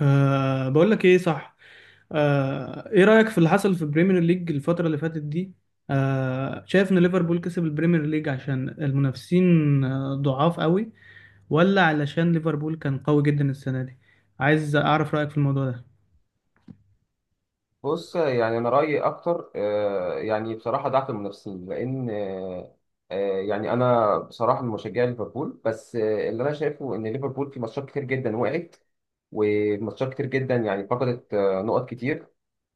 بقول لك ايه، صح. ايه رأيك في اللي حصل في البريمير ليج الفترة اللي فاتت دي؟ شايف ان ليفربول كسب البريمير ليج عشان المنافسين ضعاف قوي، ولا علشان ليفربول كان قوي جدا السنة دي؟ عايز اعرف رأيك في الموضوع ده. بص، يعني انا رايي اكتر يعني بصراحه ضعف المنافسين لان يعني انا بصراحه من مشجع ليفربول بس اللي انا شايفه ان ليفربول في ماتشات كتير جدا وقعت، وماتشات كتير جدا يعني فقدت نقط كتير.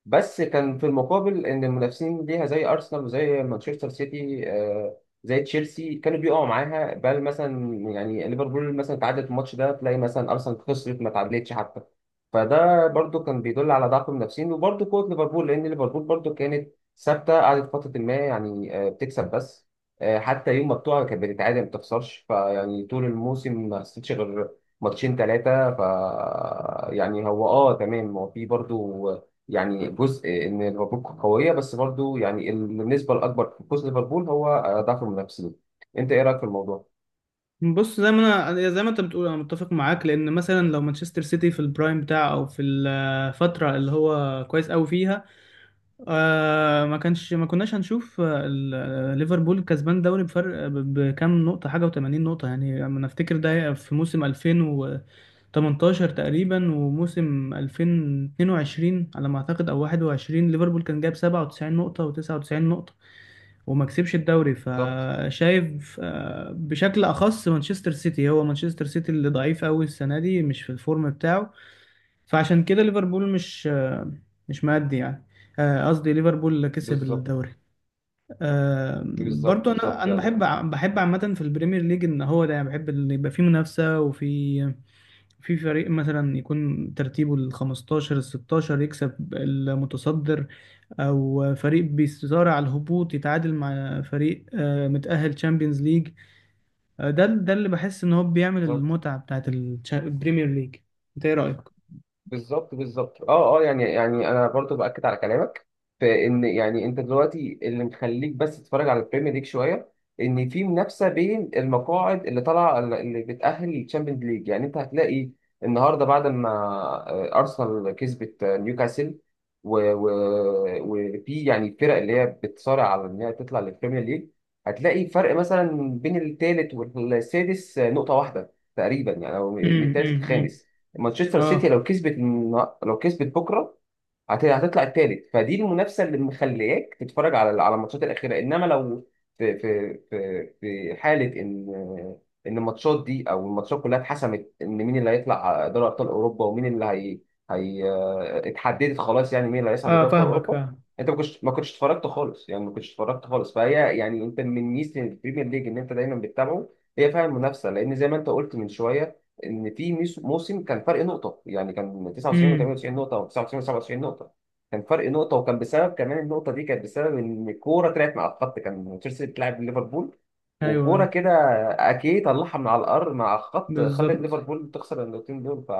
بس كان في المقابل ان المنافسين ليها زي ارسنال وزي مانشستر سيتي زي تشيلسي كانوا بيقعوا معاها، بل مثلا يعني ليفربول مثلا تعادلت الماتش ده، تلاقي مثلا ارسنال خسرت ما تعادلتش حتى. فده برضو كان بيدل على ضعف المنافسين، وبرضو قوة ليفربول، لان ليفربول برضو كانت ثابتة، قعدت فترة ما يعني بتكسب بس، حتى يوم ما بتقع كانت بتتعادل ما بتخسرش. فيعني طول الموسم ما خسرتش غير ماتشين ثلاثة. ف يعني هو اه تمام، هو في برضو يعني جزء ان ليفربول قويه، بس برضو يعني النسبه الاكبر في فوز ليفربول هو ضعف المنافسين. انت ايه رايك في الموضوع؟ بص، زي ما انت بتقول انا متفق معاك، لان مثلا لو مانشستر سيتي في البرايم بتاعه او في الفترة اللي هو كويس قوي فيها، ما كناش هنشوف ليفربول كسبان دوري بفرق بكام نقطة حاجة، و80 نقطة. يعني انا افتكر ده في موسم 2018 تقريبا، وموسم 2022 على ما اعتقد او 21 ليفربول كان جايب 97 نقطة و99 نقطة وما كسبش الدوري. بالظبط، فشايف بشكل اخص مانشستر سيتي، هو مانشستر سيتي اللي ضعيف قوي السنه دي، مش في الفورم بتاعه. فعشان كده ليفربول مش مش مادي يعني، قصدي ليفربول اللي كسب بالظبط، الدوري. بالظبط، برضو انا بالظبط، انا يعني بحب عامه في البريمير ليج ان هو ده، يعني بحب ان يبقى فيه منافسه، وفي فريق مثلا يكون ترتيبه ال 15 ال 16 يكسب المتصدر، او فريق بيصارع على الهبوط يتعادل مع فريق متأهل تشامبيونز ليج. ده اللي بحس ان هو بيعمل بالظبط، المتعه بتاعت البريمير ليج. انت ايه رايك؟ بالظبط، بالظبط، اه اه يعني انا برضو باكد على كلامك في ان يعني انت دلوقتي اللي مخليك بس تتفرج على البريمير ليج شويه ان في منافسه بين المقاعد اللي طالعه، اللي بتاهل للتشامبيونز ليج. يعني انت هتلاقي النهارده بعد ما ارسنال كسبت نيوكاسل، وفي يعني الفرق اللي هي بتصارع على ان هي تطلع للبريمير ليج، هتلاقي فرق مثلا بين الثالث والسادس نقطه واحده تقريبا يعني، او من امم، الثالث امم. للخامس. مانشستر سيتي اه، لو كسبت لو كسبت بكره هتطلع الثالث. فدي المنافسه اللي مخلياك تتفرج على الماتشات الاخيره، انما لو في حاله ان الماتشات دي او الماتشات كلها اتحسمت ان مين اللي هيطلع دوري ابطال اوروبا ومين اللي هي اتحددت خلاص، يعني مين اللي هيصعد اه، لدوري ابطال فاهمك، اوروبا. فاهم. انت ما كنتش اتفرجت خالص، يعني ما كنتش اتفرجت خالص. فهي يعني انت من ميزه البريمير ليج ان انت دايما بتتابعه، هي فعلا منافسه، لان زي ما انت قلت من شويه ان في موسم كان فرق نقطه، يعني كان 99 امم. و98 نقطه او 99 و97 نقطه. كان فرق نقطه، وكان بسبب كمان النقطه دي كانت بسبب ان الكوره طلعت مع الخط، كان تشيلسي بتلعب ليفربول ايوه، وكوره ايوه. كده اكيد طلعها من على الارض مع الخط، خلت بالظبط، ليفربول تخسر النقطتين دول. ف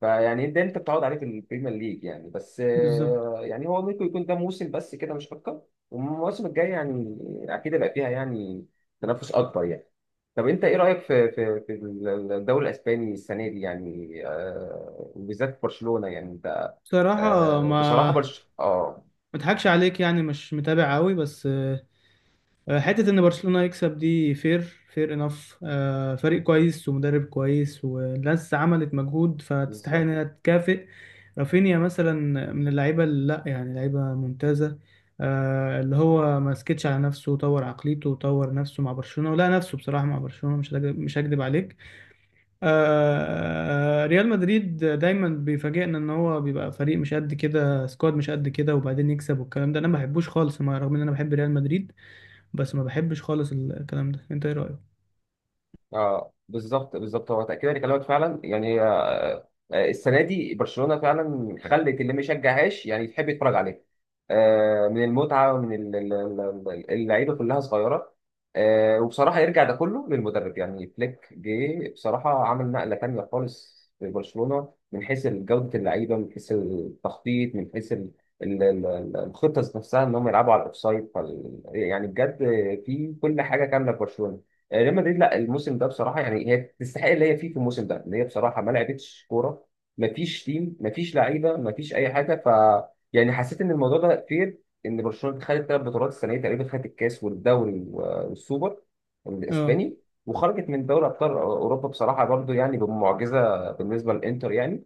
فيعني ده انت بتقعد عليه في البريمير ليج، يعني بس بالظبط. يعني هو ممكن يكون ده موسم بس كده مش اكتر. والمواسم الجايه يعني اكيد هيبقى فيها يعني تنافس اكبر يعني. طب انت ايه رايك في الدوري الاسباني السنه دي؟ يعني آه وبالذات برشلونه، يعني انت بصراحة ما آه بصراحه ما برش اه اضحكش عليك، يعني مش متابع قوي، بس حتة ان برشلونة يكسب دي فير، فير انف. فريق كويس، ومدرب كويس، والناس عملت مجهود فتستحق بالظبط، انها تكافئ. رافينيا مثلا، من اللعيبة اللي، لا يعني، لعيبة ممتازة، اللي هو ما سكتش على نفسه وطور عقليته وطور نفسه مع برشلونة، ولا نفسه بصراحة مع برشلونة، مش هكدب عليك. ريال مدريد دايما بيفاجئنا ان هو بيبقى فريق مش قد كده، سكواد مش قد كده، وبعدين يكسب، والكلام ده انا ما بحبوش خالص، مع رغم ان انا بحب ريال مدريد، بس ما بحبش خالص الكلام ده. انت ايه رأيك؟ اه بالظبط، بالظبط، هو تاكيدا لكلامك فعلا، يعني السنه دي برشلونه فعلا خلت اللي ما يشجعهاش يعني يحب يتفرج عليها من المتعه، ومن اللعيبه كلها صغيره. وبصراحه يرجع ده كله للمدرب، يعني فليك جه بصراحه عمل نقله تانيه خالص في برشلونه من حيث جوده اللعيبه، من حيث التخطيط، من حيث الخطه ذات نفسها ان هم يلعبوا على الاوفسايد. يعني بجد، في كل حاجه كامله في برشلونه. ريال مدريد لا، الموسم ده بصراحه يعني هي تستحق اللي هي فيه في الموسم ده، اللي هي بصراحه ما لعبتش كوره، ما فيش تيم، ما فيش لعيبه، ما فيش اي حاجه. ف يعني حسيت ان الموضوع ده فير ان برشلونه خدت ثلاث بطولات السنه دي تقريبا، خدت الكاس والدوري والسوبر اه، الاسباني، وخرجت من دوري ابطال اوروبا بصراحه برضو يعني بمعجزه بالنسبه للانتر، يعني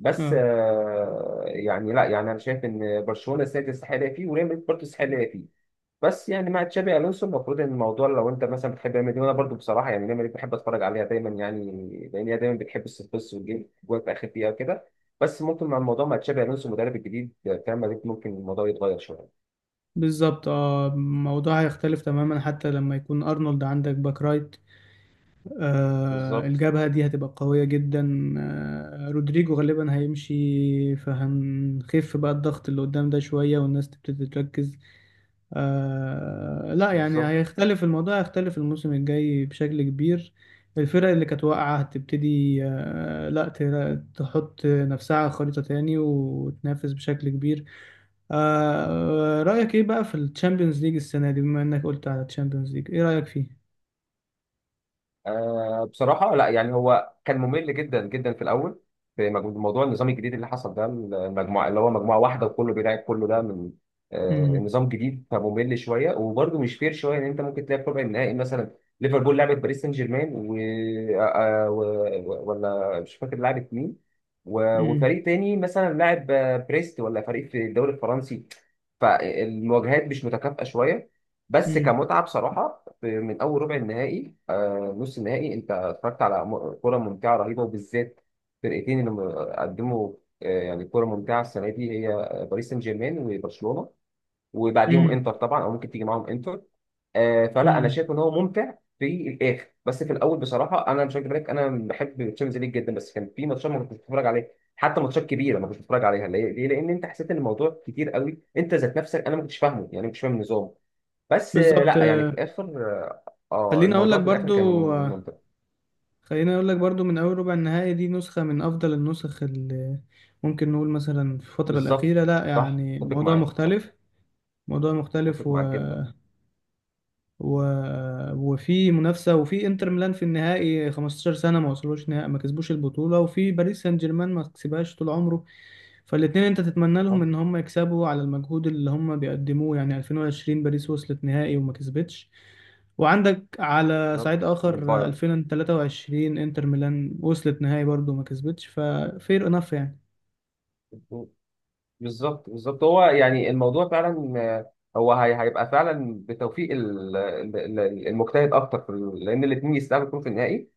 بس اه، يعني لا يعني انا شايف ان برشلونه السنه دي تستحق اللي هي فيه، وريال مدريد برضه تستحق اللي هي فيه. بس يعني مع تشابي الونسو المفروض ان الموضوع لو انت مثلا بتحب ريال مدريد، وانا برضو بصراحه يعني ريال مدريد بحب اتفرج عليها دايما يعني، لان هي دايما بتحب الصفص والجيم جوه في اخر دقيقه وكده. بس ممكن مع الموضوع مع تشابي الونسو المدرب الجديد بتاع ريال مدريد ممكن الموضوع يتغير شويه. بالظبط. اه الموضوع هيختلف تماما، حتى لما يكون ارنولد عندك باك رايت. بالظبط، الجبهة دي هتبقى قوية جدا. رودريجو غالبا هيمشي، فهنخف بقى الضغط اللي قدام ده شوية، والناس تبتدي تركز. لا يعني بالظبط، هيختلف الموضوع، هيختلف الموسم الجاي بشكل كبير. الفرق اللي كانت واقعة هتبتدي، لا، تحط نفسها على خريطة تاني وتنافس بشكل كبير. آه رأيك ايه بقى في الشامبيونز ليج السنة دي؟ بما انك قلت على الشامبيونز ليج، ايه رأيك فيه؟ آه بصراحة لا، يعني هو كان ممل جدا جدا في الأول، في موضوع النظام الجديد اللي حصل ده، المجموعة اللي هو مجموعة واحدة وكله بيلعب كله ده من آه مم. النظام جديد، فممل شوية وبرده مش فير شوية، إن أنت ممكن تلاقي في ربع النهائي مثلا ليفربول لعبت باريس سان جيرمان، و... آه آه، و... و- ولا مش فاكر لعبت مين، مم. وفريق تاني مثلا لاعب بريست، ولا فريق في الدوري الفرنسي. فالمواجهات مش متكافئة شوية، بس مم. كمتعة بصراحة من اول ربع النهائي، نص النهائي انت اتفرجت على كره ممتعه رهيبه، وبالذات فرقتين اللي قدموا يعني كره ممتعه السنه دي، هي باريس سان جيرمان وبرشلونه، وبعديهم مم. انتر طبعا، او ممكن تيجي معاهم انتر. فلا انا مم. شايف ان هو ممتع في الاخر، بس في الاول بصراحه انا مش هكدب عليك، انا بحب الشامبيونز ليج جدا، بس كان في ماتشات ما كنتش بتفرج عليها، حتى ماتشات كبيره ما كنتش بتفرج عليها. ليه؟ ليه؟ لان انت حسيت ان الموضوع كتير قوي انت ذات نفسك، انا ما كنتش فاهمه، يعني مش فاهم النظام. بس بالظبط. لا يعني في الاخر اه، خليني اقول الموضوع لك في الاخر كان برضو، منطقي. خليني اقول لك برضو، من اول ربع النهائي دي نسخة من افضل النسخ اللي ممكن نقول مثلا في الفترة الأخيرة، بالظبط، لا صح، يعني، اتفق موضوع معاك، مختلف. موضوع مختلف. اتفق معاك جدا. و... وفي منافسة، وفي انتر ميلان في النهائي 15 سنة ما وصلوش نهائي، ما كسبوش البطولة، وفي باريس سان جيرمان ما كسبهاش طول عمره. فالاتنين انت تتمنى صح. لهم ان هم يكسبوا على المجهود اللي هم بيقدموه، يعني 2020 باريس وصلت نهائي وما كسبتش، وعندك على بالظبط صعيد اخر والباير. 2023 انتر ميلان وصلت نهائي برضه وما كسبتش، ففير انف يعني. بالظبط، بالظبط، هو يعني الموضوع فعلا هو هيبقى فعلا بتوفيق المجتهد اكتر لان الاثنين يستاهلوا يكونوا في النهائي.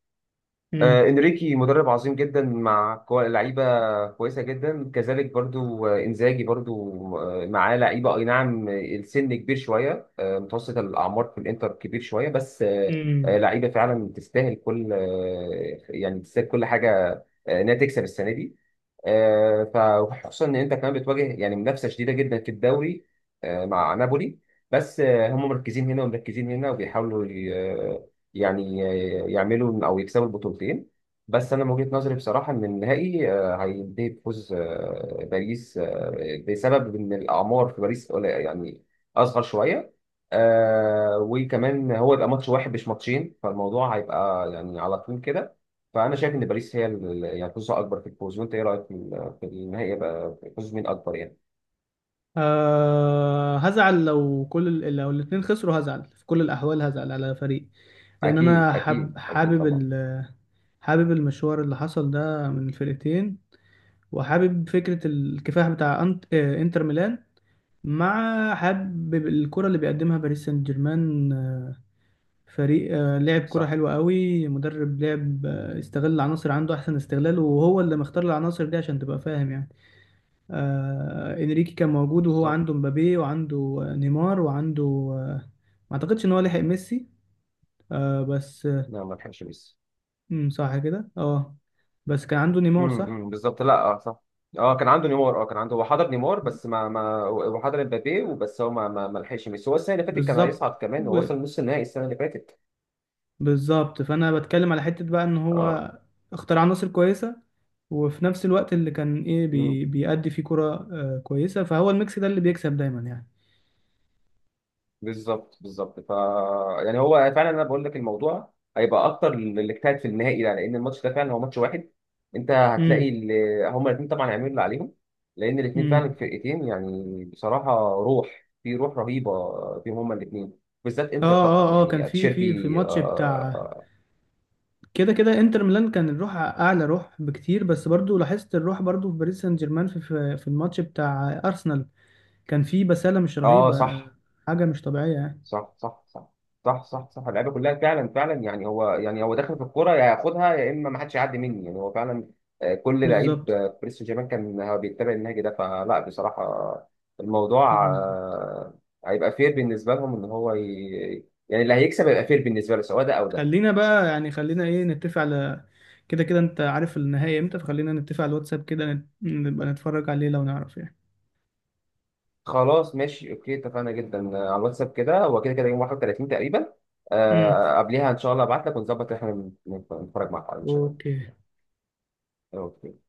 انريكي مدرب عظيم جدا مع لعيبه كويسه جدا، كذلك برضو انزاجي برضو معاه لعيبه اي نعم، السن كبير شويه، متوسط الاعمار في الانتر كبير شويه، بس امم. لعيبه فعلا تستاهل كل يعني تستاهل كل حاجه انها تكسب السنه دي. آه، فخصوصا ان انت كمان بتواجه يعني منافسه شديده جدا في الدوري مع نابولي، بس هم مركزين هنا ومركزين هنا، وبيحاولوا يعني يعملوا او يكسبوا البطولتين. بس انا من وجهه نظري بصراحه ان النهائي هينتهي بفوز باريس بسبب ان الاعمار في باريس قليلة، يعني اصغر شويه، وكمان هو يبقى ماتش واحد مش ماتشين، فالموضوع هيبقى يعني على طول كده. فانا شايف ان باريس هي يعني فرصه اكبر في الفوز. وانت ايه رايك في في النهائي بقى، فوز مين اكبر يعني؟ هزعل لو لو الاتنين خسروا، هزعل في كل الأحوال، هزعل على فريق، لأن أنا اكيد، اكيد، اكيد حابب طبعا. حابب المشوار اللي حصل ده من الفرقتين، وحابب فكرة الكفاح بتاع أنت... آه، إنتر ميلان، مع حابب الكرة اللي بيقدمها باريس سان جيرمان. فريق لعب كرة صح. حلوة قوي، مدرب لعب استغل العناصر عنده أحسن استغلال، وهو اللي مختار العناصر دي عشان تبقى فاهم يعني. انريكي كان موجود وهو بالظبط، عنده مبابي، وعنده نيمار، وعنده ما اعتقدش ان هو لحق ميسي، بس لا ما لحقش ميسي. مم، صح كده، اه. بس كان عنده نيمار، امم، صح. أمم، بالظبط، لا اه صح. اه كان عنده نيمار. اه كان عنده، هو حضر نيمار بس ما ما هو حضر امبابي وبس. هو ما لحقش ميسي. هو السنه اللي فاتت كان بالظبط. هيصعد كمان، هو و- وصل نص النهائي السنه اللي فاتت. بالظبط، فانا بتكلم على حتة بقى ان اه. هو اختار عناصر كويسة، وفي نفس الوقت اللي كان ايه امم. بي بيأدي فيه كرة كويسة، فهو الميكس ده اللي بيكسب دايما يعني. بالظبط، بالظبط. ف يعني هو فعلا انا بقول لك الموضوع هيبقى اكتر اللي اجتهد في النهائي ده، لان الماتش ده فعلا هو ماتش واحد. انت امم، هتلاقي اللي هما الاثنين طبعا هيعملوا اللي عليهم، لان الاثنين فعلا امم. فرقتين، يعني بصراحه روح في روح رهيبه فيهم هما الاثنين، بالذات انتر طبعا اه كان يعني في تشيربي الماتش بتاع، اه, كده كده انتر ميلان كان الروح اعلى روح بكتير، بس برضو لاحظت الروح برضو في باريس سان جيرمان في الماتش بتاع ارسنال، كان في بسالة مش رهيبة، صح، حاجة مش طبيعية يعني. صح، صح، صح، صح، صح، صح. اللعيبه كلها فعلا فعلا يعني هو، يعني هو داخل في الكوره، يا هياخدها يا اما ما حدش يعدي مني. يعني هو فعلا كل لعيب بالظبط، في باريس سان جيرمان كان هو بيتبع النهج ده. فلا بصراحه الموضوع بالظبط. هيبقى فير بالنسبه لهم، ان هو يعني اللي هيكسب هيبقى فير بالنسبه له، سواء ده او ده. خلينا بقى، يعني، خلينا ايه، نتفق على، كده كده انت عارف النهائي امتى، فخلينا نتفق على الواتساب كده، نبقى نتفرج عليه لو نعرف يعني. خلاص ماشي اوكي، اتفقنا جدا على الواتساب كده. هو كده كده يوم 31 تقريبا، امم. قبليها ان شاء الله ابعت لك، ونظبط احنا نتفرج مع بعض ان شاء الله. اوكي. اوكي.